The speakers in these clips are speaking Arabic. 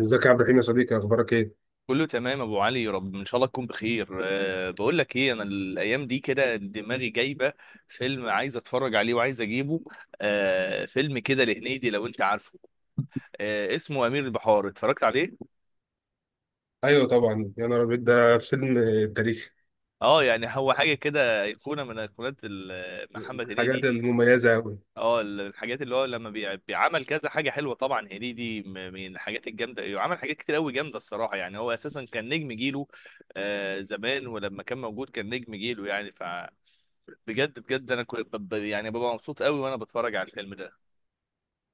ازيك يا عبد الرحيم يا صديقي، اخبارك ايه؟ كله تمام يا ابو علي، رب ان شاء الله تكون بخير. بقول لك ايه، انا الايام دي كده دماغي جايبه فيلم عايز اتفرج عليه وعايز اجيبه. فيلم كده لهنيدي، لو انت عارفه. اسمه امير البحار، اتفرجت عليه؟ ايوه طبعا، يا نهار ابيض، ده فيلم تاريخي. اه، يعني هو حاجه كده ايقونه من ايقونات محمد الحاجات هنيدي. المميزه قوي. اه، الحاجات اللي هو لما بيعمل كذا حاجه حلوه، طبعا هنيدي من الحاجات الجامده، عمل حاجات كتير قوي جامده الصراحه. يعني هو اساسا كان نجم جيله، زمان، ولما كان موجود كان نجم جيله يعني. بجد بجد انا كنت يعني ببقى مبسوط قوي وانا بتفرج على الفيلم ده.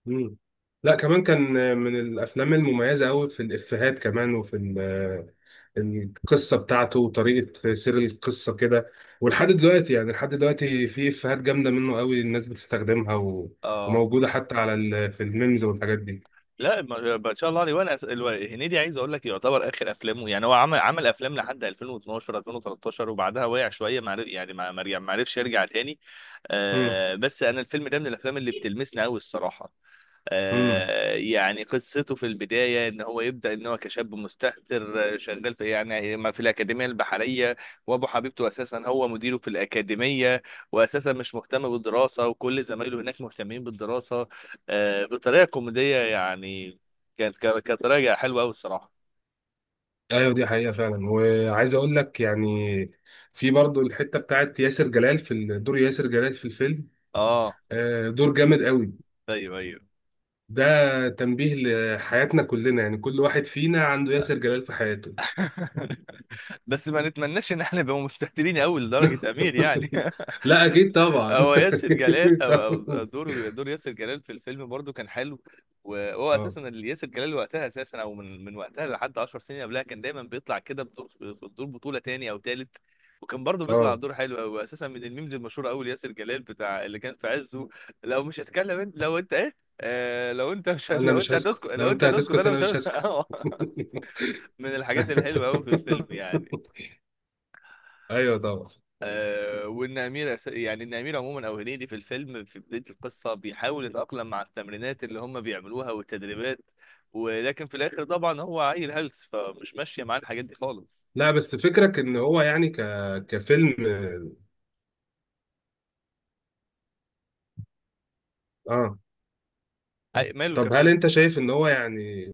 مم. لا، كمان كان من الافلام المميزه قوي في الافيهات كمان، وفي القصه بتاعته وطريقه سير القصه كده. ولحد دلوقتي يعني لحد دلوقتي في افيهات جامده منه قوي الناس بتستخدمها اه، وموجوده حتى على في الميمز والحاجات دي. لا ما شاء الله عليه. وانا هنيدي عايز اقول لك يعتبر اخر افلامه، يعني هو عمل افلام لحد 2012 2013، وبعدها وقع شويه، ما عرف- يعني ما عرفش يرجع تاني. بس انا الفيلم ده من الافلام اللي بتلمسني قوي الصراحه. مم. يعني قصته في البداية إن هو يبدأ إن هو كشاب مستهتر، شغال في يعني ما في الأكاديمية البحرية. وأبو حبيبته أساسا هو مديره في الأكاديمية، وأساسا مش مهتم بالدراسة وكل زمايله هناك مهتمين بالدراسة، بطريقة كوميدية يعني. كانت طريقة حلوة أوي الصراحة. ايوه دي حقيقة فعلا، وعايز اقول لك يعني في برضو الحتة بتاعت ياسر جلال في دور ياسر جلال في الفيلم. أه دور جامد قوي. أيوه أيوه. ده تنبيه لحياتنا كلنا، يعني كل واحد فينا عنده ياسر جلال في حياته. بس ما نتمناش إن احنا نبقى مستهترين أوي لدرجة أمير يعني. لا اكيد طبعا. هو ياسر جلال، او طبعاً. دور ياسر جلال في الفيلم، برضو كان حلو. وهو اه اساسا اللي ياسر جلال وقتها اساسا، او من وقتها لحد 10 سنين قبلها، كان دايما بيطلع كده بدور في دور بطوله تاني او تالت. وكان برضه بيطلع اه دور حلو قوي. اساسا من الميمز المشهوره قوي ياسر جلال بتاع اللي كان في عزه: لو مش هتكلم انت، لو انت ايه، لو انت مش، انا لو مش انت هتسكت، هسكت لو لو انت انت هتسكت هتسكت، انا انا مش مش هسكت. من الحاجات الحلوه قوي في الفيلم يعني. ايوه طبعا. وان امير يعني ان امير عموما او هنيدي في الفيلم في بدايه القصه بيحاول يتاقلم مع التمرينات اللي هم بيعملوها والتدريبات. ولكن في الاخر طبعا هو عيل هلس، فمش ماشيه معاه الحاجات دي خالص. لا، بس فكرك ان هو يعني كفيلم، اه؟ ماله طب هل كفيلم؟ انت شايف ان هو يعني،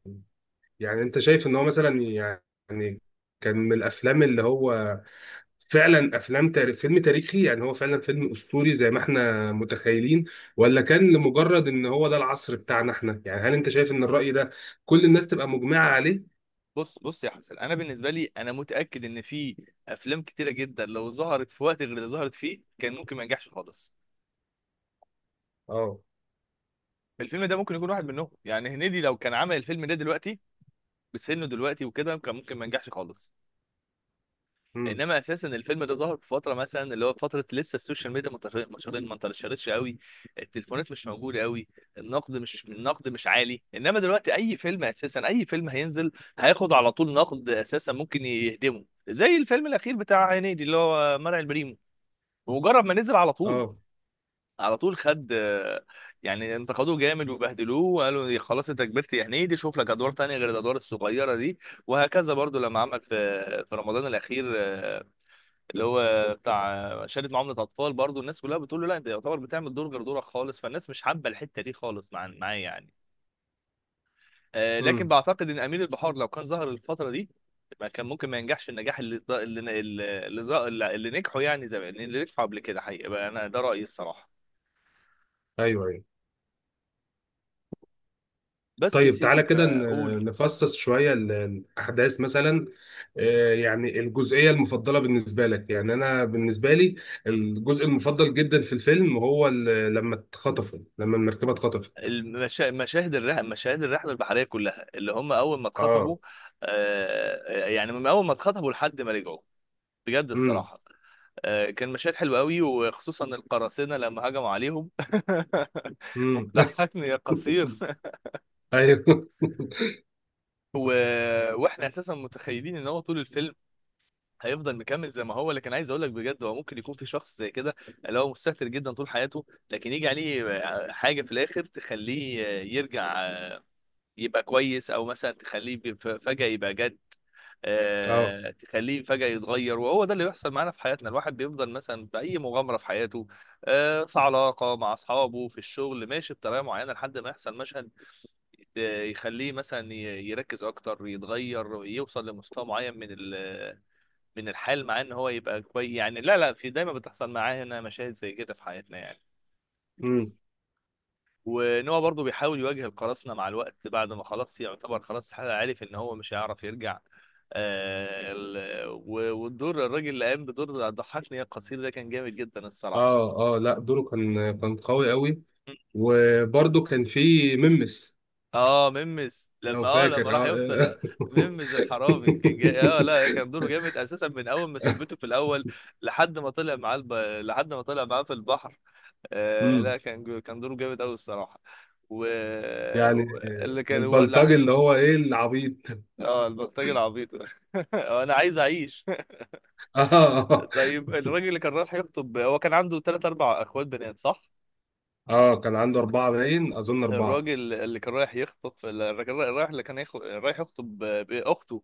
يعني انت شايف ان هو مثلا يعني كان من الافلام اللي هو فعلا افلام تاريخ فيلم تاريخي؟ يعني هو فعلا فيلم اسطوري زي ما احنا متخيلين؟ ولا كان لمجرد ان هو ده العصر بتاعنا احنا؟ يعني هل انت شايف ان الرأي ده كل الناس تبقى مجمعة عليه؟ بص بص يا حسن، انا بالنسبه لي انا متاكد ان في افلام كتيره جدا لو ظهرت في وقت غير اللي ظهرت فيه كان ممكن ما ينجحش خالص. اه. الفيلم ده ممكن يكون واحد منهم يعني. هنيدي لو كان عمل الفيلم ده دلوقتي بسنه دلوقتي وكده كان ممكن ما ينجحش خالص. امم. انما اساسا الفيلم ده ظهر في فتره، مثلا اللي هو فتره لسه السوشيال ميديا ما انتشرتش قوي، التليفونات مش موجوده قوي، النقد مش عالي. انما دلوقتي اي فيلم، اساسا اي فيلم هينزل هياخد على طول نقد، اساسا ممكن يهدمه، زي الفيلم الاخير بتاع هنيدي اللي هو مرعي البريمو. بمجرد ما نزل، على طول اه. على طول خد، يعني انتقدوه جامد وبهدلوه وقالوا يا خلاص انت كبرت يا هنيدي، شوف لك ادوار تانية غير الادوار الصغيره دي. وهكذا برضو لما عمل في رمضان الاخير اللي هو بتاع شهاده معامله اطفال، برضو الناس كلها بتقول له لا انت يعتبر بتعمل دور غير دورك خالص، فالناس مش حابه الحته دي خالص مع معاه يعني. لكن امم. بعتقد ان امير البحار لو كان ظهر الفتره دي ما كان ممكن ما ينجحش النجاح اللي نجحوا يعني، زمان اللي نجحوا قبل كده حقيقه، بقى انا ده رايي الصراحه. ايوه ايوه. بس يا طيب، سيدي، تعالى كده فاقول نفصص شوية الأحداث مثلا. يعني الجزئية المفضلة بالنسبة لك. يعني أنا بالنسبة لي الجزء المفضل جدا في الفيلم هو لما اتخطفوا، لما المركبة اتخطفت. مشاهد الرحله، مشاهد الرحله البحريه كلها، اللي هم اول ما اتخطبوا. اه. يعني من اول ما اتخطبوا لحد ما رجعوا بجد امم. الصراحه. كان مشهد حلو قوي، وخصوصا القراصنة لما هجموا عليهم امم. وضحكني يا قصير ايوه. و... واحنا اساسا متخيلين ان هو طول الفيلم هيفضل مكمل زي ما هو. لكن عايز اقول لك بجد، هو ممكن يكون في شخص زي كده اللي هو مستهتر جدا طول حياته، لكن يجي عليه حاجة في الاخر تخليه يرجع يبقى كويس. او مثلا تخليه فجأة يبقى جد، اه. تخليه فجأة يتغير. وهو ده اللي بيحصل معانا في حياتنا، الواحد بيفضل مثلا بأي مغامرة في حياته، في علاقة مع أصحابه في الشغل، ماشي بطريقة معينة لحد ما يحصل مشهد يخليه مثلا يركز أكتر، يتغير، يوصل لمستوى معين من الحال، مع إن هو يبقى كويس يعني. لا لا، في دايما بتحصل معانا مشاهد زي كده في حياتنا يعني. امم. ونوع برضه بيحاول يواجه القراصنة مع الوقت، بعد ما خلاص يعتبر خلاص عارف ان هو مش هيعرف يرجع. والدور، الراجل اللي قام بدور ضحكني يا القصير ده كان جامد جدا الصراحة. اه اه، لا دوره كان كان قوي قوي. وبرده كان في ممس، اه، ممس، لو لما لما فاكر، راح يفطر، اه. لا، ممس الحرامي كان جاي، اه، لا، كان دوره جامد اساسا من اول ما ثبته في الاول لحد ما طلع معاه لحد ما طلع معاه في البحر. لا، امم. كان كان دوره جامد قوي الصراحه. و... يعني اللي كان هو، البلطجي اللي هو ايه، العبيط. اه البلطجي العبيط. انا عايز اعيش. اه. طيب الراجل اللي كان رايح يخطب، هو كان عنده ثلاث اربع اخوات بنات صح؟ اه، كان عنده اربعه، باين اظن اربعه. الراجل اللي كان رايح يخطب، الراجل رايح اللي كان رايح يخطب باخته،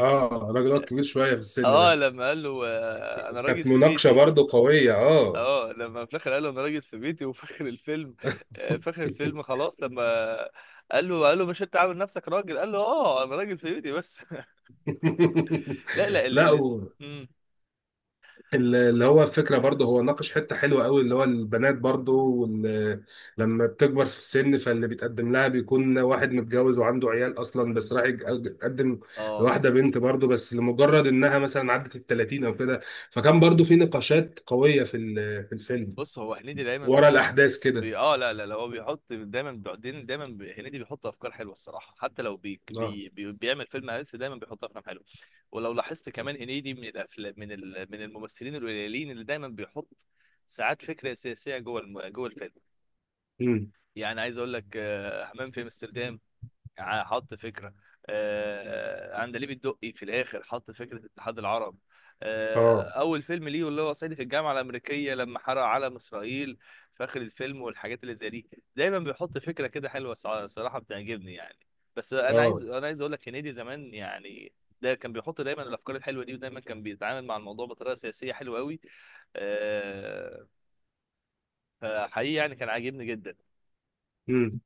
اه، الراجل ده كبير شويه في السن اه، ده، لما قال له انا راجل كانت في مناقشه بيتي. برضو قويه، اه. اه، لما في الاخر قال له انا راجل في بيتي، وفي اخر الفيلم في اخر الفيلم خلاص، لما قال له مش انت عامل نفسك راجل، قال له اه انا راجل في بيتي بس. لا لا لا، مم. اللي هو الفكرة برضه، هو ناقش حتة حلوة قوي، اللي هو البنات برضه لما بتكبر في السن، فاللي بيتقدم لها بيكون واحد متجوز وعنده عيال أصلا، بس راح يتقدم اه، لواحدة بنت برضه، بس لمجرد إنها مثلا عدت ال 30 أو كده. فكان برضه في نقاشات قوية في في الفيلم بص، هو هنيدي دايما ورا بيحط، الأحداث كده. بي... اه لا لا لا، هو بيحط دايما بعدين، دايما، هنيدي بيحط افكار حلوه الصراحه. حتى لو اه. بيعمل فيلم هلس دايما بيحط افلام حلوه. ولو لاحظت كمان، هنيدي من الافلام، من من الممثلين القليلين اللي دايما بيحط ساعات فكره سياسيه جوه جوه الفيلم. امم. يعني عايز اقول لك، حمام في امستردام حط فكرة، عندليب الدقي في الآخر حط فكرة اتحاد العرب، اه. أول فيلم ليه اللي هو صعيدي في الجامعة الأمريكية لما حرق علم إسرائيل في آخر الفيلم، والحاجات اللي زي دي. دايما بيحط فكرة كده حلوة، صراحة بتعجبني يعني. بس أنا اه. عايز، أقول لك هنيدي زمان يعني ده كان بيحط دايما الأفكار الحلوة دي، ودايما كان بيتعامل مع الموضوع بطريقة سياسية حلوة قوي. آه، فحقيقي يعني كان عاجبني جدا. امم.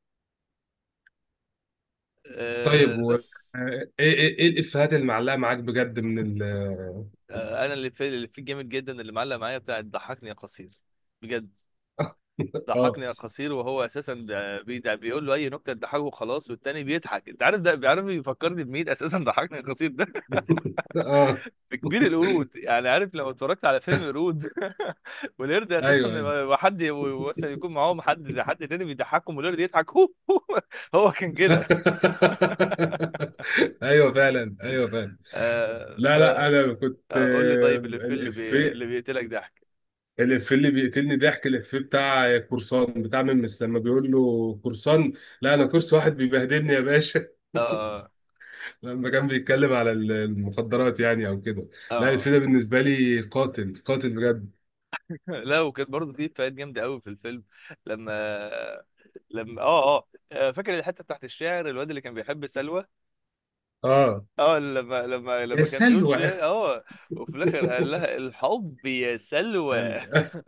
طيب، و بس، ايه ايه الإفيهات اللي معلقة معاك بجد من ال؟ انا اللي في الجامد جدا اللي معلق معايا بتاع ضحكني يا قصير بجد. اه. ضحكني يا قصير، وهو اساسا بيقول له اي نكته تضحكه وخلاص والتاني بيضحك. انت عارف ده بيعرف بيفكرني بمين اساسا ضحكني يا قصير ده؟ اه. بكبير القرود. يعني عارف لو اتفرجت على فيلم قرود، والقرد اساسا ايوه ايوه. لما حد، مثلا يكون معاهم حد، تاني بيضحكهم والقرد يضحك. هو هو كان كده. ايوه فعلا، ايوه فعلا. آه لا لا، انا كنت، فقول لي آه، طيب، اللي في اللي, بي... اللي الافيه بيقتلك ضحك. الافيه اللي بيقتلني ضحك، الافيه بتاع قرصان، بتاع ممس، لما بيقول له قرصان، لا انا قرص واحد بيبهدلني يا باشا. اه لما كان بيتكلم على المخدرات، يعني او كده. لا، الافيه اه، ده بالنسبه لي قاتل قاتل بجد. لا، وكانت برضه في افيهات جامده قوي في الفيلم. لما لما اه اه آه، فاكر الحته بتاعت الشعر، الواد اللي كان بيحب سلوى؟ اه، اه، لما لما يا لما كان بيقول سلوى. شعر، اه. وفي الاخر قال لها الحب يا سلوى.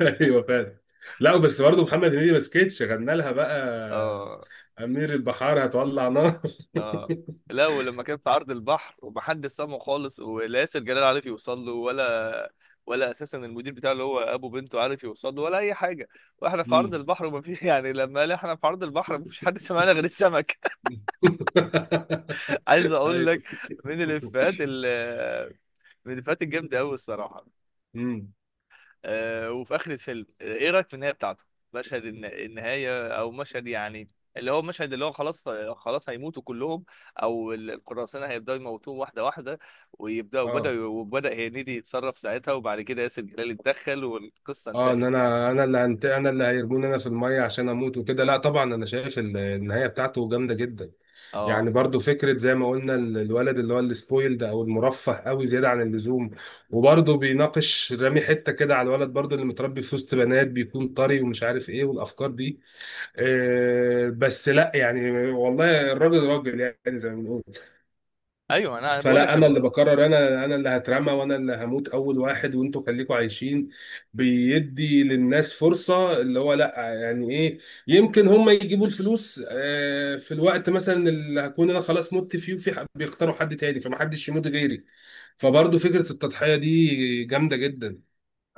ايوه فعلا. لا بس برضه محمد هنيدي ما سكتش، غنى لها بقى: اه أمير البحار هتولع نار. اه، لا، ولما كان في عرض البحر ومحدش سامعه خالص، ولا ياسر جلال عارف يوصل له ولا، ولا اساسا المدير بتاعه اللي هو ابو بنته عارف يوصل له ولا اي حاجه. واحنا في عرض مم. البحر وما في، يعني لما قال احنا في عرض البحر ما فيش حد سمعنا غير السمك. عايز اقول لك أيوه. من الافيهات ال- من الافيهات الجامده قوي الصراحه. مم. وفي اخر الفيلم، ايه رايك في النهايه بتاعته؟ مشهد النهايه، او مشهد يعني، اللي هو مشهد، اللي هو خلاص، خلاص هيموتوا كلهم، او القراصنه هيبداوا يموتوهم واحده واحده، ويبداوا اه وبدا وبدا هنيدي يتصرف ساعتها، وبعد كده ياسر جلال اتدخل، والقصه اه ان انتهت يعني. انا انا اللي انا اللي هيرموني انا في الميه عشان اموت وكده. لا طبعا، انا شايف النهايه بتاعته جامده جدا. اه يعني برضو فكره زي ما قلنا الولد اللي هو السبويلد او المرفه قوي زياده عن اللزوم، وبرضو بيناقش رامي حته كده على الولد برضو، اللي متربي في وسط بنات بيكون طري ومش عارف ايه والافكار دي. آه بس لا، يعني والله الراجل راجل، يعني زي ما بنقول. ايوه، انا بقول لك فلا، انا اللي بقرر، انا اللي هترمى وانا اللي هموت اول واحد، وانتوا خليكوا عايشين. بيدي للناس فرصة، اللي هو، لا يعني ايه، يمكن هم يجيبوا الفلوس في الوقت مثلا اللي هكون انا خلاص مت فيه، وفي بيختاروا حد تاني فمحدش يموت غيري. فبرضه فكرة التضحية دي جامدة جدا.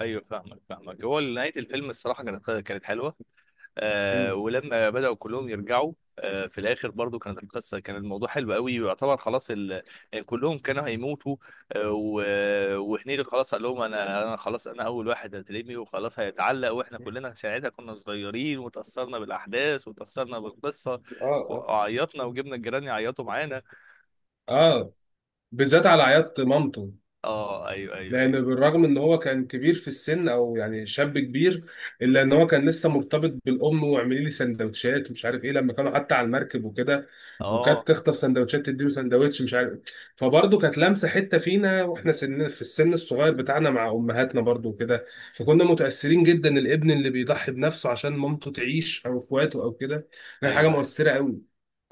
ايوه، فاهمك فاهمك، هو نهايه الفيلم الصراحه كانت حلوه. مم. ولما بدأوا كلهم يرجعوا في الآخر برضو، كانت القصة، كان الموضوع حلو قوي، ويعتبر خلاص يعني كلهم كانوا هيموتوا، آه و... وهنيدي خلاص قال لهم أنا، خلاص أنا أول واحد هترمي وخلاص هيتعلق، وإحنا كلنا ساعتها كنا صغيرين، وتأثرنا بالأحداث وتأثرنا بالقصة، اه. اه. وعيطنا وجبنا الجيران يعيطوا معانا. اه، بالذات على عياط مامته. آه أيوه أيوه لان أيوه، بالرغم ان هو كان كبير في السن او يعني شاب كبير، الا ان هو كان لسه مرتبط بالام، واعملي لي سندوتشات ومش عارف ايه، لما كانوا حتى على المركب وكده، آه وكانت تخطف سندوتشات تديله سندوتش، مش عارف. فبرضه كانت لامسه حته فينا واحنا في السن الصغير بتاعنا مع امهاتنا برضه وكده. فكنا متاثرين جدا، الابن اللي بيضحي بنفسه عشان مامته تعيش او اخواته او كده، كان حاجه أيوه أيوه مؤثره قوي،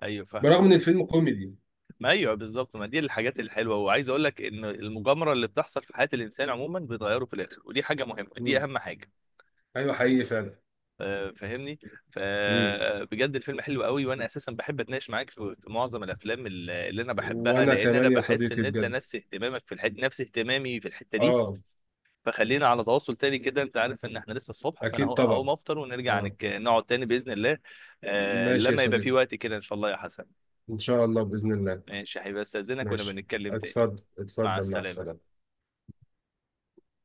أيوه، فاهمك. برغم ان الفيلم كوميدي. ما ايوه بالظبط، ما دي الحاجات الحلوه. وعايز اقول لك ان المغامره اللي بتحصل في حياه الانسان عموما بتغيره في الاخر، ودي حاجه مهمه، دي مم. اهم حاجه. ايوه حقيقي فعلا. فاهمني. مم. فبجد الفيلم حلو قوي. وانا اساسا بحب اتناقش معاك في معظم الافلام اللي انا بحبها، وانا لان انا كمان يا بحس صديقي، ان انت بجد. نفس اهتمامك في الحته، نفس اهتمامي في الحته دي. اه. فخلينا على تواصل تاني كده، انت عارف ان احنا لسه الصبح، فانا اكيد هقوم طبعا. افطر ونرجع اه. نقعد تاني باذن الله. ماشي يا لما يبقى في صديقي، وقت كده ان شاء الله يا حسن. ان شاء الله، باذن الله. ماشي، هيبقى استاذنك ونبقى ماشي. نتكلم تاني. اتفضل، مع اتفضل، مع السلامه. السلامه.